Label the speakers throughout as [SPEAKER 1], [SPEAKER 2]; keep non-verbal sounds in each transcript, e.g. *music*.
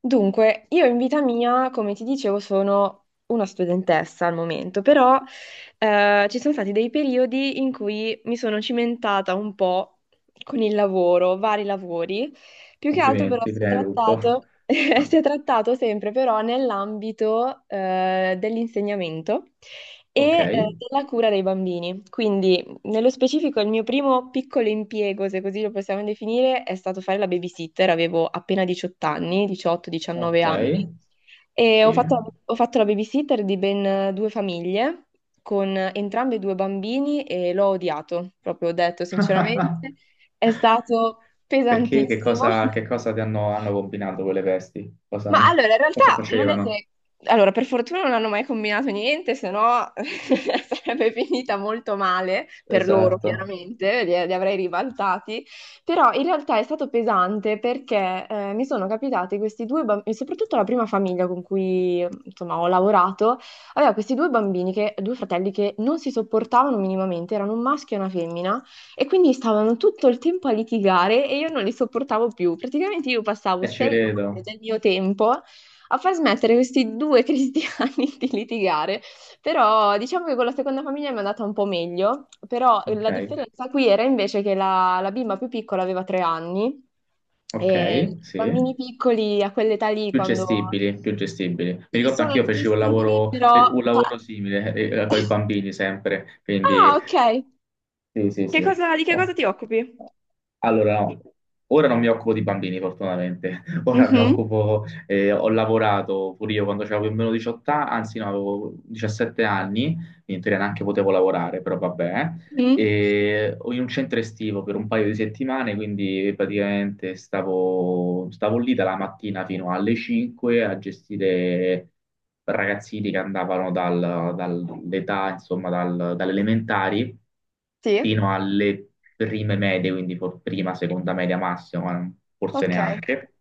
[SPEAKER 1] Dunque, io in vita mia, come ti dicevo, sono una studentessa al momento, però ci sono stati dei periodi in cui mi sono cimentata un po' con il lavoro, vari lavori, più che altro però
[SPEAKER 2] Complimenti,
[SPEAKER 1] si è
[SPEAKER 2] prima di tutto.
[SPEAKER 1] trattato, *laughs* si
[SPEAKER 2] *laughs*
[SPEAKER 1] è trattato sempre però nell'ambito dell'insegnamento
[SPEAKER 2] Ok,
[SPEAKER 1] e della cura dei bambini. Quindi nello specifico il mio primo piccolo impiego, se così lo possiamo definire, è stato fare la babysitter. Avevo appena 18 anni, 18-19
[SPEAKER 2] ok,
[SPEAKER 1] anni, e
[SPEAKER 2] sì.
[SPEAKER 1] ho fatto la babysitter di ben due famiglie con entrambi due bambini e l'ho odiato, proprio ho detto
[SPEAKER 2] *laughs*
[SPEAKER 1] sinceramente, è stato
[SPEAKER 2] Perché che
[SPEAKER 1] pesantissimo.
[SPEAKER 2] cosa, che
[SPEAKER 1] *laughs*
[SPEAKER 2] cosa ti hanno combinato quelle vesti? Cosa,
[SPEAKER 1] Ma allora, in
[SPEAKER 2] *laughs* cosa
[SPEAKER 1] realtà non è
[SPEAKER 2] facevano?
[SPEAKER 1] che. Allora, per fortuna non hanno mai combinato niente, se no *laughs* sarebbe finita molto male per loro,
[SPEAKER 2] Esatto,
[SPEAKER 1] chiaramente, li avrei ribaltati, però in realtà è stato pesante perché mi sono capitati questi due bambini, soprattutto la prima famiglia con cui insomma ho lavorato, aveva questi due bambini, due fratelli che non si sopportavano minimamente, erano un maschio e una femmina. E quindi stavano tutto il tempo a litigare e io non li sopportavo più. Praticamente io passavo
[SPEAKER 2] e ci
[SPEAKER 1] 6 ore
[SPEAKER 2] credo.
[SPEAKER 1] del mio tempo a far smettere questi due cristiani *laughs* di litigare. Però diciamo che con la seconda famiglia mi è andata un po' meglio, però la
[SPEAKER 2] Ok,
[SPEAKER 1] differenza qui era invece che la bimba più piccola aveva 3 anni
[SPEAKER 2] ok,
[SPEAKER 1] e i
[SPEAKER 2] sì.
[SPEAKER 1] bambini piccoli a quell'età lì
[SPEAKER 2] Più
[SPEAKER 1] quando.
[SPEAKER 2] gestibili, più gestibili. Mi
[SPEAKER 1] Sì,
[SPEAKER 2] ricordo anche
[SPEAKER 1] sono
[SPEAKER 2] io feci
[SPEAKER 1] gestibili, però.
[SPEAKER 2] un
[SPEAKER 1] pa-
[SPEAKER 2] lavoro simile con i bambini sempre, quindi
[SPEAKER 1] Ah, ok.
[SPEAKER 2] sì, sì,
[SPEAKER 1] Che
[SPEAKER 2] sì.
[SPEAKER 1] cosa, di che cosa
[SPEAKER 2] Oh.
[SPEAKER 1] ti occupi?
[SPEAKER 2] Allora, no, ora non mi occupo di bambini, fortunatamente. *laughs* Ora mi
[SPEAKER 1] Mhm.
[SPEAKER 2] occupo, ho lavorato pure io quando avevo meno 18 anni, anzi no, avevo 17 anni, quindi in teoria neanche potevo lavorare, però vabbè
[SPEAKER 1] Mhm.
[SPEAKER 2] e o in un centro estivo per un paio di settimane, quindi praticamente stavo lì dalla mattina fino alle 5 a gestire ragazzini che andavano dall'età, insomma, dalle elementari
[SPEAKER 1] Sì,
[SPEAKER 2] fino alle prime medie, quindi prima, seconda media massima, ma forse
[SPEAKER 1] ok.
[SPEAKER 2] neanche.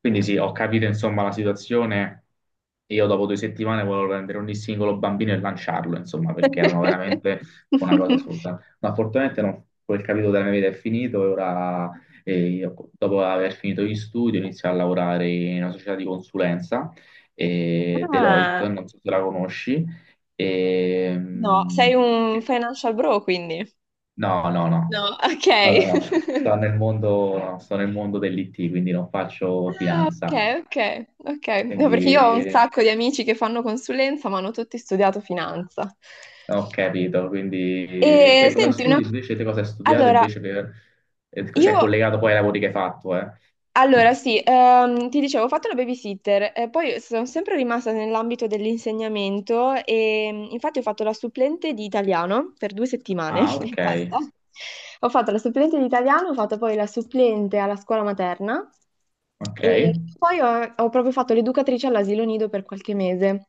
[SPEAKER 2] Quindi sì, ho capito insomma la situazione. Io dopo 2 settimane volevo prendere ogni singolo bambino e lanciarlo, insomma, perché erano veramente
[SPEAKER 1] *laughs*
[SPEAKER 2] una cosa assurda. Ma fortunatamente no, quel capitolo della mia vita è finito e ora, io, dopo aver finito gli studi, ho iniziato a lavorare in una società di consulenza,
[SPEAKER 1] Ah,
[SPEAKER 2] Deloitte, non so se la conosci. E,
[SPEAKER 1] no, sei un financial bro quindi.
[SPEAKER 2] no, no, no.
[SPEAKER 1] No, ok.
[SPEAKER 2] No, no, no. Sto
[SPEAKER 1] *laughs*
[SPEAKER 2] nel mondo, no, sto nel mondo dell'IT, quindi non faccio
[SPEAKER 1] Ah, ok,
[SPEAKER 2] finanza
[SPEAKER 1] ok, ok. No, perché io ho un
[SPEAKER 2] quindi
[SPEAKER 1] sacco di amici che fanno consulenza, ma hanno tutti studiato finanza.
[SPEAKER 2] no, ho capito, quindi
[SPEAKER 1] E
[SPEAKER 2] te cosa
[SPEAKER 1] senti, una.
[SPEAKER 2] studi invece, te cosa hai studiato
[SPEAKER 1] allora,
[SPEAKER 2] invece per, se è
[SPEAKER 1] io
[SPEAKER 2] collegato poi ai lavori che hai fatto, eh?
[SPEAKER 1] Allora, sì, ti dicevo, ho fatto la babysitter, poi sono sempre rimasta nell'ambito dell'insegnamento e infatti ho fatto la supplente di italiano per 2 settimane
[SPEAKER 2] Ah,
[SPEAKER 1] *laughs* e
[SPEAKER 2] ok,
[SPEAKER 1] basta. Ho fatto la supplente di italiano, ho fatto poi la supplente alla scuola materna
[SPEAKER 2] ok.
[SPEAKER 1] e poi ho proprio fatto l'educatrice all'asilo nido per qualche mese.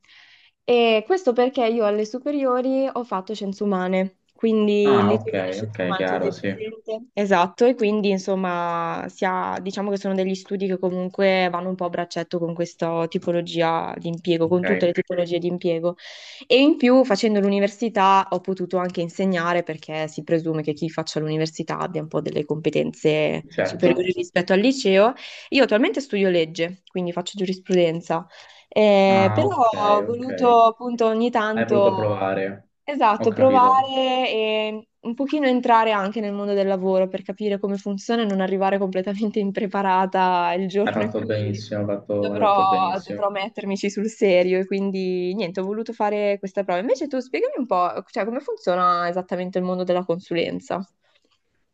[SPEAKER 1] E questo perché io alle superiori ho fatto scienze umane, quindi il
[SPEAKER 2] Ah, ok,
[SPEAKER 1] liceo delle scienze
[SPEAKER 2] ok,
[SPEAKER 1] umane, non so se
[SPEAKER 2] chiaro,
[SPEAKER 1] è
[SPEAKER 2] sì,
[SPEAKER 1] presente. Esatto, e quindi insomma diciamo che sono degli studi che comunque vanno un po' a braccetto con questa tipologia di impiego, con tutte le
[SPEAKER 2] ok,
[SPEAKER 1] tipologie di impiego. E in più facendo l'università ho potuto anche insegnare perché si presume che chi faccia l'università abbia un po' delle competenze superiori
[SPEAKER 2] certo.
[SPEAKER 1] rispetto al liceo. Io attualmente studio legge, quindi faccio giurisprudenza,
[SPEAKER 2] Ah,
[SPEAKER 1] però
[SPEAKER 2] ok,
[SPEAKER 1] ho
[SPEAKER 2] ok.
[SPEAKER 1] voluto appunto ogni
[SPEAKER 2] Hai voluto
[SPEAKER 1] tanto,
[SPEAKER 2] provare, ho
[SPEAKER 1] esatto,
[SPEAKER 2] capito.
[SPEAKER 1] provare e un pochino entrare anche nel mondo del lavoro per capire come funziona e non arrivare completamente impreparata il
[SPEAKER 2] Hai
[SPEAKER 1] giorno in
[SPEAKER 2] fatto
[SPEAKER 1] cui
[SPEAKER 2] benissimo, hai fatto benissimo.
[SPEAKER 1] dovrò mettermici sul serio. E quindi niente, ho voluto fare questa prova. Invece tu spiegami un po', cioè, come funziona esattamente il mondo della consulenza.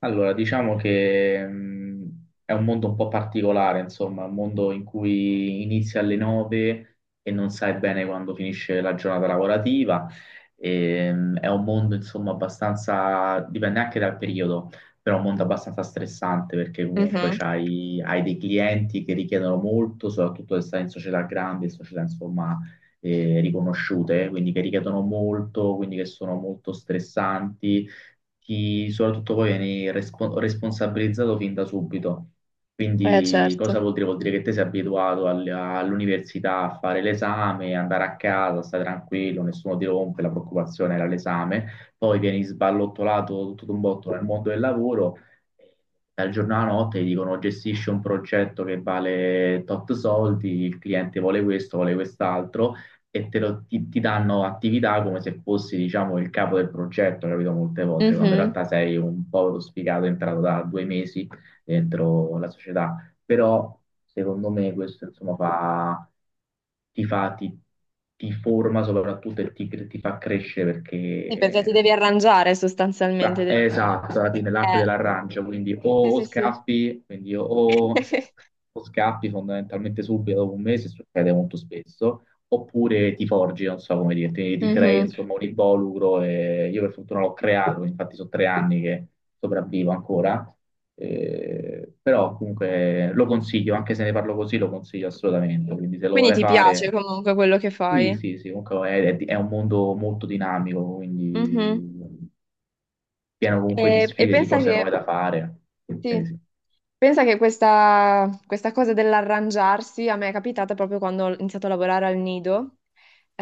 [SPEAKER 2] Allora, diciamo che è un mondo un po' particolare, insomma, un mondo in cui inizi alle 9 e non sai bene quando finisce la giornata lavorativa. E, è un mondo, insomma, abbastanza, dipende anche dal periodo, però è un mondo abbastanza stressante perché comunque
[SPEAKER 1] Mhm.
[SPEAKER 2] hai dei clienti che richiedono molto, soprattutto se stai in società grandi, società, insomma, riconosciute, quindi che richiedono molto, quindi che sono molto stressanti ti, soprattutto poi vieni responsabilizzato fin da subito. Quindi
[SPEAKER 1] Certo.
[SPEAKER 2] cosa vuol dire? Vuol dire che te sei abituato all'università a fare l'esame, andare a casa, stare tranquillo, nessuno ti rompe, la preoccupazione era l'esame, poi vieni sballottolato tutto d'un botto nel mondo del lavoro, dal giorno alla notte ti dicono gestisci un progetto che vale tot soldi, il cliente vuole questo, vuole quest'altro e ti danno attività come se fossi, diciamo, il capo del progetto, capito? Molte volte, quando in
[SPEAKER 1] Mhm.
[SPEAKER 2] realtà sei un povero sfigato entrato da 2 mesi dentro la società. Però, secondo me, questo, insomma, fa, ti fa, ti, ti forma soprattutto e ti fa crescere
[SPEAKER 1] Sì, perché ti
[SPEAKER 2] perché
[SPEAKER 1] devi arrangiare sostanzialmente.
[SPEAKER 2] beh, è esatto, alla fine l'arte
[SPEAKER 1] Eh,
[SPEAKER 2] dell'arrancio, quindi
[SPEAKER 1] Sì,
[SPEAKER 2] o
[SPEAKER 1] sì, sì.
[SPEAKER 2] scappi, quindi
[SPEAKER 1] *laughs* eh.
[SPEAKER 2] o scappi fondamentalmente subito dopo un mese, succede molto spesso, oppure ti forgi, non so come dire, ti crei
[SPEAKER 1] Mhm.
[SPEAKER 2] insomma un involucro e io per fortuna l'ho creato, infatti sono 3 anni che sopravvivo ancora, però comunque lo consiglio, anche se ne parlo così lo consiglio assolutamente, quindi se lo
[SPEAKER 1] Quindi
[SPEAKER 2] vorrei
[SPEAKER 1] ti piace
[SPEAKER 2] fare...
[SPEAKER 1] comunque quello che
[SPEAKER 2] Sì,
[SPEAKER 1] fai.
[SPEAKER 2] sì, sì, comunque è un mondo molto dinamico, quindi
[SPEAKER 1] Mhm.
[SPEAKER 2] pieno comunque di
[SPEAKER 1] E
[SPEAKER 2] sfide, di
[SPEAKER 1] pensa
[SPEAKER 2] cose
[SPEAKER 1] che
[SPEAKER 2] nuove da fare. Quindi
[SPEAKER 1] Sì.
[SPEAKER 2] sì.
[SPEAKER 1] Pensa che questa cosa dell'arrangiarsi a me è capitata proprio quando ho iniziato a lavorare al nido,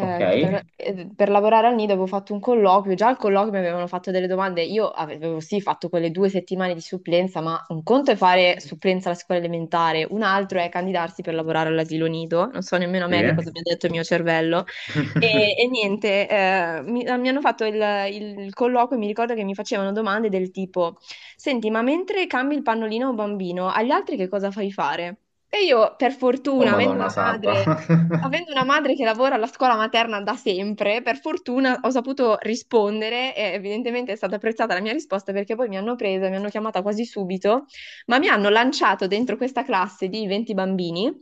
[SPEAKER 2] Ok,
[SPEAKER 1] che per lavorare al nido avevo fatto un colloquio, già al colloquio mi avevano fatto delle domande, io avevo sì fatto quelle 2 settimane di supplenza, ma un conto è fare supplenza alla scuola elementare, un altro è candidarsi per lavorare all'asilo nido, non so nemmeno a
[SPEAKER 2] sì.
[SPEAKER 1] me che cosa mi ha detto il mio cervello. E,
[SPEAKER 2] *laughs*
[SPEAKER 1] e niente, mi hanno fatto il colloquio e mi ricordo che mi facevano domande del tipo: senti, ma mentre cambi il pannolino a un bambino, agli altri che cosa fai fare? E io, per
[SPEAKER 2] Oh
[SPEAKER 1] fortuna,
[SPEAKER 2] Madonna Santa.
[SPEAKER 1] avendo
[SPEAKER 2] *laughs*
[SPEAKER 1] una madre che lavora alla scuola materna da sempre, per fortuna ho saputo rispondere e evidentemente è stata apprezzata la mia risposta perché poi mi hanno presa, mi hanno chiamata quasi subito ma mi hanno lanciato dentro questa classe di 20 bambini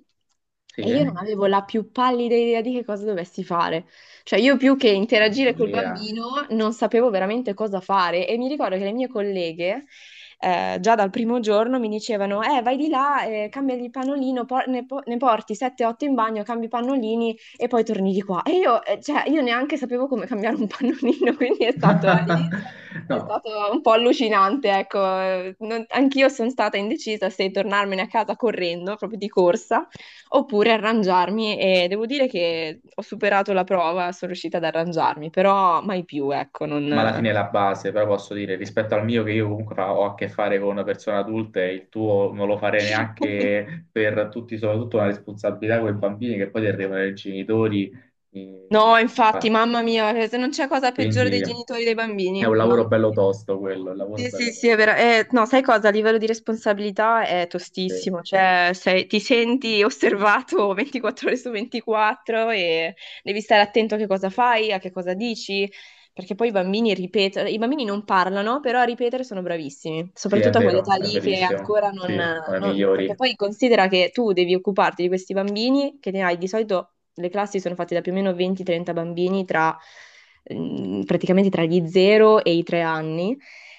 [SPEAKER 2] Sì,
[SPEAKER 1] e io
[SPEAKER 2] è
[SPEAKER 1] non avevo la più pallida idea di che cosa dovessi fare. Cioè, io più che interagire col
[SPEAKER 2] follia.
[SPEAKER 1] bambino non sapevo veramente cosa fare e mi ricordo che le mie colleghe già dal primo giorno mi dicevano, vai di là, cambiagli il pannolino, ne porti 7-8 in bagno, cambi i pannolini e poi torni di qua. E io, cioè, io neanche sapevo come cambiare un pannolino, *laughs* quindi
[SPEAKER 2] *laughs*
[SPEAKER 1] è
[SPEAKER 2] No,
[SPEAKER 1] stato un po' allucinante, ecco. Anch'io sono stata indecisa se tornarmene a casa correndo, proprio di corsa, oppure arrangiarmi e devo dire che ho superato la prova, sono riuscita ad arrangiarmi, però mai più, ecco,
[SPEAKER 2] ma alla
[SPEAKER 1] non.
[SPEAKER 2] fine è la base, però posso dire, rispetto al mio che io comunque ho a che fare con persone adulte, il tuo non lo farei
[SPEAKER 1] *laughs*
[SPEAKER 2] neanche per tutti, soprattutto una responsabilità con i bambini che poi ti arrivano i genitori. eh,
[SPEAKER 1] No, infatti,
[SPEAKER 2] fa-
[SPEAKER 1] mamma mia, se non c'è cosa peggiore
[SPEAKER 2] Quindi
[SPEAKER 1] dei genitori
[SPEAKER 2] è
[SPEAKER 1] dei bambini,
[SPEAKER 2] un
[SPEAKER 1] mamma
[SPEAKER 2] lavoro bello
[SPEAKER 1] mia.
[SPEAKER 2] tosto quello, è un lavoro
[SPEAKER 1] Sì, sì,
[SPEAKER 2] bello
[SPEAKER 1] sì, è
[SPEAKER 2] tosto.
[SPEAKER 1] vero. No, sai cosa? A livello di responsabilità è
[SPEAKER 2] Sì.
[SPEAKER 1] tostissimo, cioè ti senti osservato *laughs* 24 ore su 24 e devi stare attento a che cosa fai, a che cosa dici, perché poi i bambini ripetono, i bambini non parlano, però a ripetere sono bravissimi,
[SPEAKER 2] Sì, è
[SPEAKER 1] soprattutto a
[SPEAKER 2] vero,
[SPEAKER 1] quell'età
[SPEAKER 2] è
[SPEAKER 1] lì che
[SPEAKER 2] verissimo.
[SPEAKER 1] ancora non,
[SPEAKER 2] Sì, sono i
[SPEAKER 1] perché
[SPEAKER 2] migliori.
[SPEAKER 1] poi considera che tu devi occuparti di questi bambini, che ne hai di solito, le classi sono fatte da più o meno 20-30 bambini tra. Praticamente tra gli 0 e i 3 anni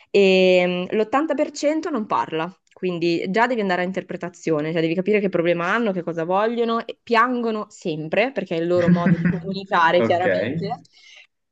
[SPEAKER 1] e l'80% non parla, quindi già devi andare a interpretazione, cioè devi capire che problema hanno, che cosa vogliono, e piangono sempre perché è il loro modo di
[SPEAKER 2] *laughs*
[SPEAKER 1] comunicare
[SPEAKER 2] Ok,
[SPEAKER 1] chiaramente.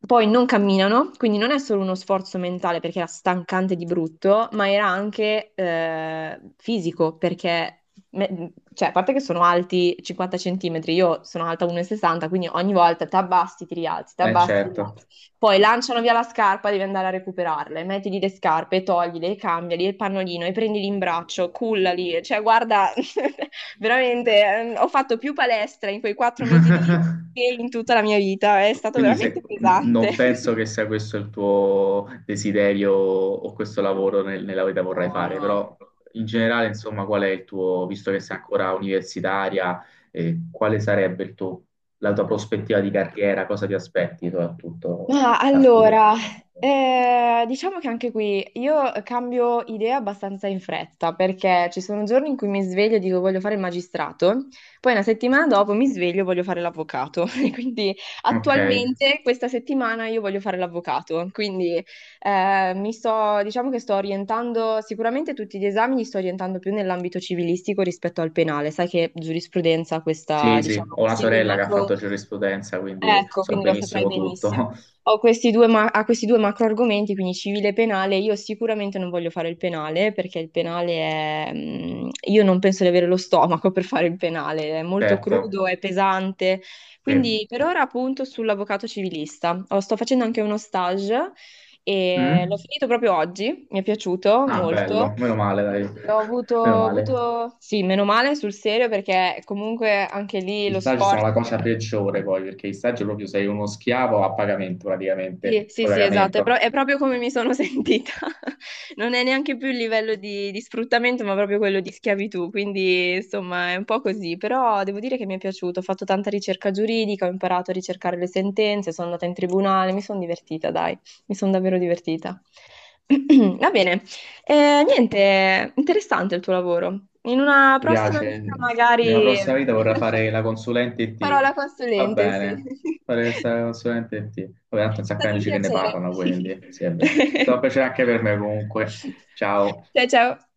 [SPEAKER 1] Poi non camminano, quindi non è solo uno sforzo mentale perché era stancante di brutto, ma era anche fisico perché, cioè, a parte che sono alti 50 centimetri, io sono alta 1,60, quindi ogni volta ti abbassi, ti rialzi, ti
[SPEAKER 2] eh
[SPEAKER 1] abbassi, ti
[SPEAKER 2] certo.
[SPEAKER 1] rialzi. Poi lanciano via la scarpa, devi andare a recuperarle, mettili le scarpe, toglile, cambiali il pannolino e prendili in braccio, cullali, cioè guarda. *laughs* Veramente, ho fatto più palestra in quei 4 mesi lì
[SPEAKER 2] *laughs*
[SPEAKER 1] che in tutta la mia vita, è stato
[SPEAKER 2] Quindi
[SPEAKER 1] veramente pesante.
[SPEAKER 2] non penso
[SPEAKER 1] *laughs*
[SPEAKER 2] che sia questo il tuo desiderio o questo lavoro nella vita vorrai
[SPEAKER 1] No,
[SPEAKER 2] fare,
[SPEAKER 1] no.
[SPEAKER 2] però in generale, insomma, qual è il tuo, visto che sei ancora universitaria, quale sarebbe la tua prospettiva di carriera, cosa ti aspetti soprattutto
[SPEAKER 1] Ma
[SPEAKER 2] dal futuro?
[SPEAKER 1] allora, diciamo che anche qui io cambio idea abbastanza in fretta, perché ci sono giorni in cui mi sveglio e dico voglio fare il magistrato, poi una settimana dopo mi sveglio e voglio fare l'avvocato. *laughs* E quindi
[SPEAKER 2] Ok.
[SPEAKER 1] attualmente questa settimana io voglio fare l'avvocato, quindi mi sto, diciamo che sto orientando, sicuramente tutti gli esami li sto orientando più nell'ambito civilistico rispetto al penale, sai che giurisprudenza questa,
[SPEAKER 2] Sì, sì,
[SPEAKER 1] diciamo,
[SPEAKER 2] ho una
[SPEAKER 1] questi due
[SPEAKER 2] sorella che ha
[SPEAKER 1] macro.
[SPEAKER 2] fatto giurisprudenza, quindi
[SPEAKER 1] Ecco,
[SPEAKER 2] so
[SPEAKER 1] quindi lo saprai
[SPEAKER 2] benissimo tutto.
[SPEAKER 1] benissimo.
[SPEAKER 2] *laughs*
[SPEAKER 1] Ho questi due macro argomenti, quindi civile e penale. Io sicuramente non voglio fare il penale perché il penale è... mm, Io non penso di avere lo stomaco per fare il penale, è molto
[SPEAKER 2] Certo,
[SPEAKER 1] crudo, è pesante.
[SPEAKER 2] sì.
[SPEAKER 1] Quindi per ora appunto sull'avvocato civilista. Sto facendo anche uno stage e l'ho
[SPEAKER 2] Mm?
[SPEAKER 1] finito proprio oggi, mi è piaciuto
[SPEAKER 2] Ah,
[SPEAKER 1] molto.
[SPEAKER 2] bello, meno male, dai. *laughs* Meno male.
[SPEAKER 1] Sì, meno male sul serio perché comunque anche lì
[SPEAKER 2] Gli
[SPEAKER 1] lo
[SPEAKER 2] stagi sono
[SPEAKER 1] sforzo.
[SPEAKER 2] la cosa peggiore poi, perché gli stagi proprio sei uno schiavo a pagamento praticamente,
[SPEAKER 1] Sì,
[SPEAKER 2] a
[SPEAKER 1] sì, sì, esatto, è,
[SPEAKER 2] pagamento.
[SPEAKER 1] è proprio come mi sono *laughs* sentita. Non è neanche più il livello di sfruttamento, ma proprio quello di schiavitù, quindi insomma è un po' così, però devo dire che mi è piaciuto, ho fatto tanta ricerca giuridica, ho imparato a ricercare le sentenze, sono andata in tribunale, mi sono divertita, dai, mi sono davvero divertita. *clears throat* Va bene, niente, interessante il tuo lavoro. In una
[SPEAKER 2] Ti
[SPEAKER 1] prossima
[SPEAKER 2] piace?
[SPEAKER 1] vita
[SPEAKER 2] In una
[SPEAKER 1] magari
[SPEAKER 2] prossima vita vorrei
[SPEAKER 1] *laughs*
[SPEAKER 2] fare la consulente
[SPEAKER 1] farò
[SPEAKER 2] IT.
[SPEAKER 1] la
[SPEAKER 2] Va
[SPEAKER 1] consulente, sì.
[SPEAKER 2] bene,
[SPEAKER 1] *laughs*
[SPEAKER 2] fare la consulente IT. Vabbè, tanto un
[SPEAKER 1] È
[SPEAKER 2] sacco di
[SPEAKER 1] stato un
[SPEAKER 2] amici che ne
[SPEAKER 1] piacere.
[SPEAKER 2] parlano, quindi, sì,
[SPEAKER 1] *laughs*
[SPEAKER 2] è vero. È stato un
[SPEAKER 1] *laughs*
[SPEAKER 2] piacere anche per me comunque. Ciao.
[SPEAKER 1] Ciao ciao.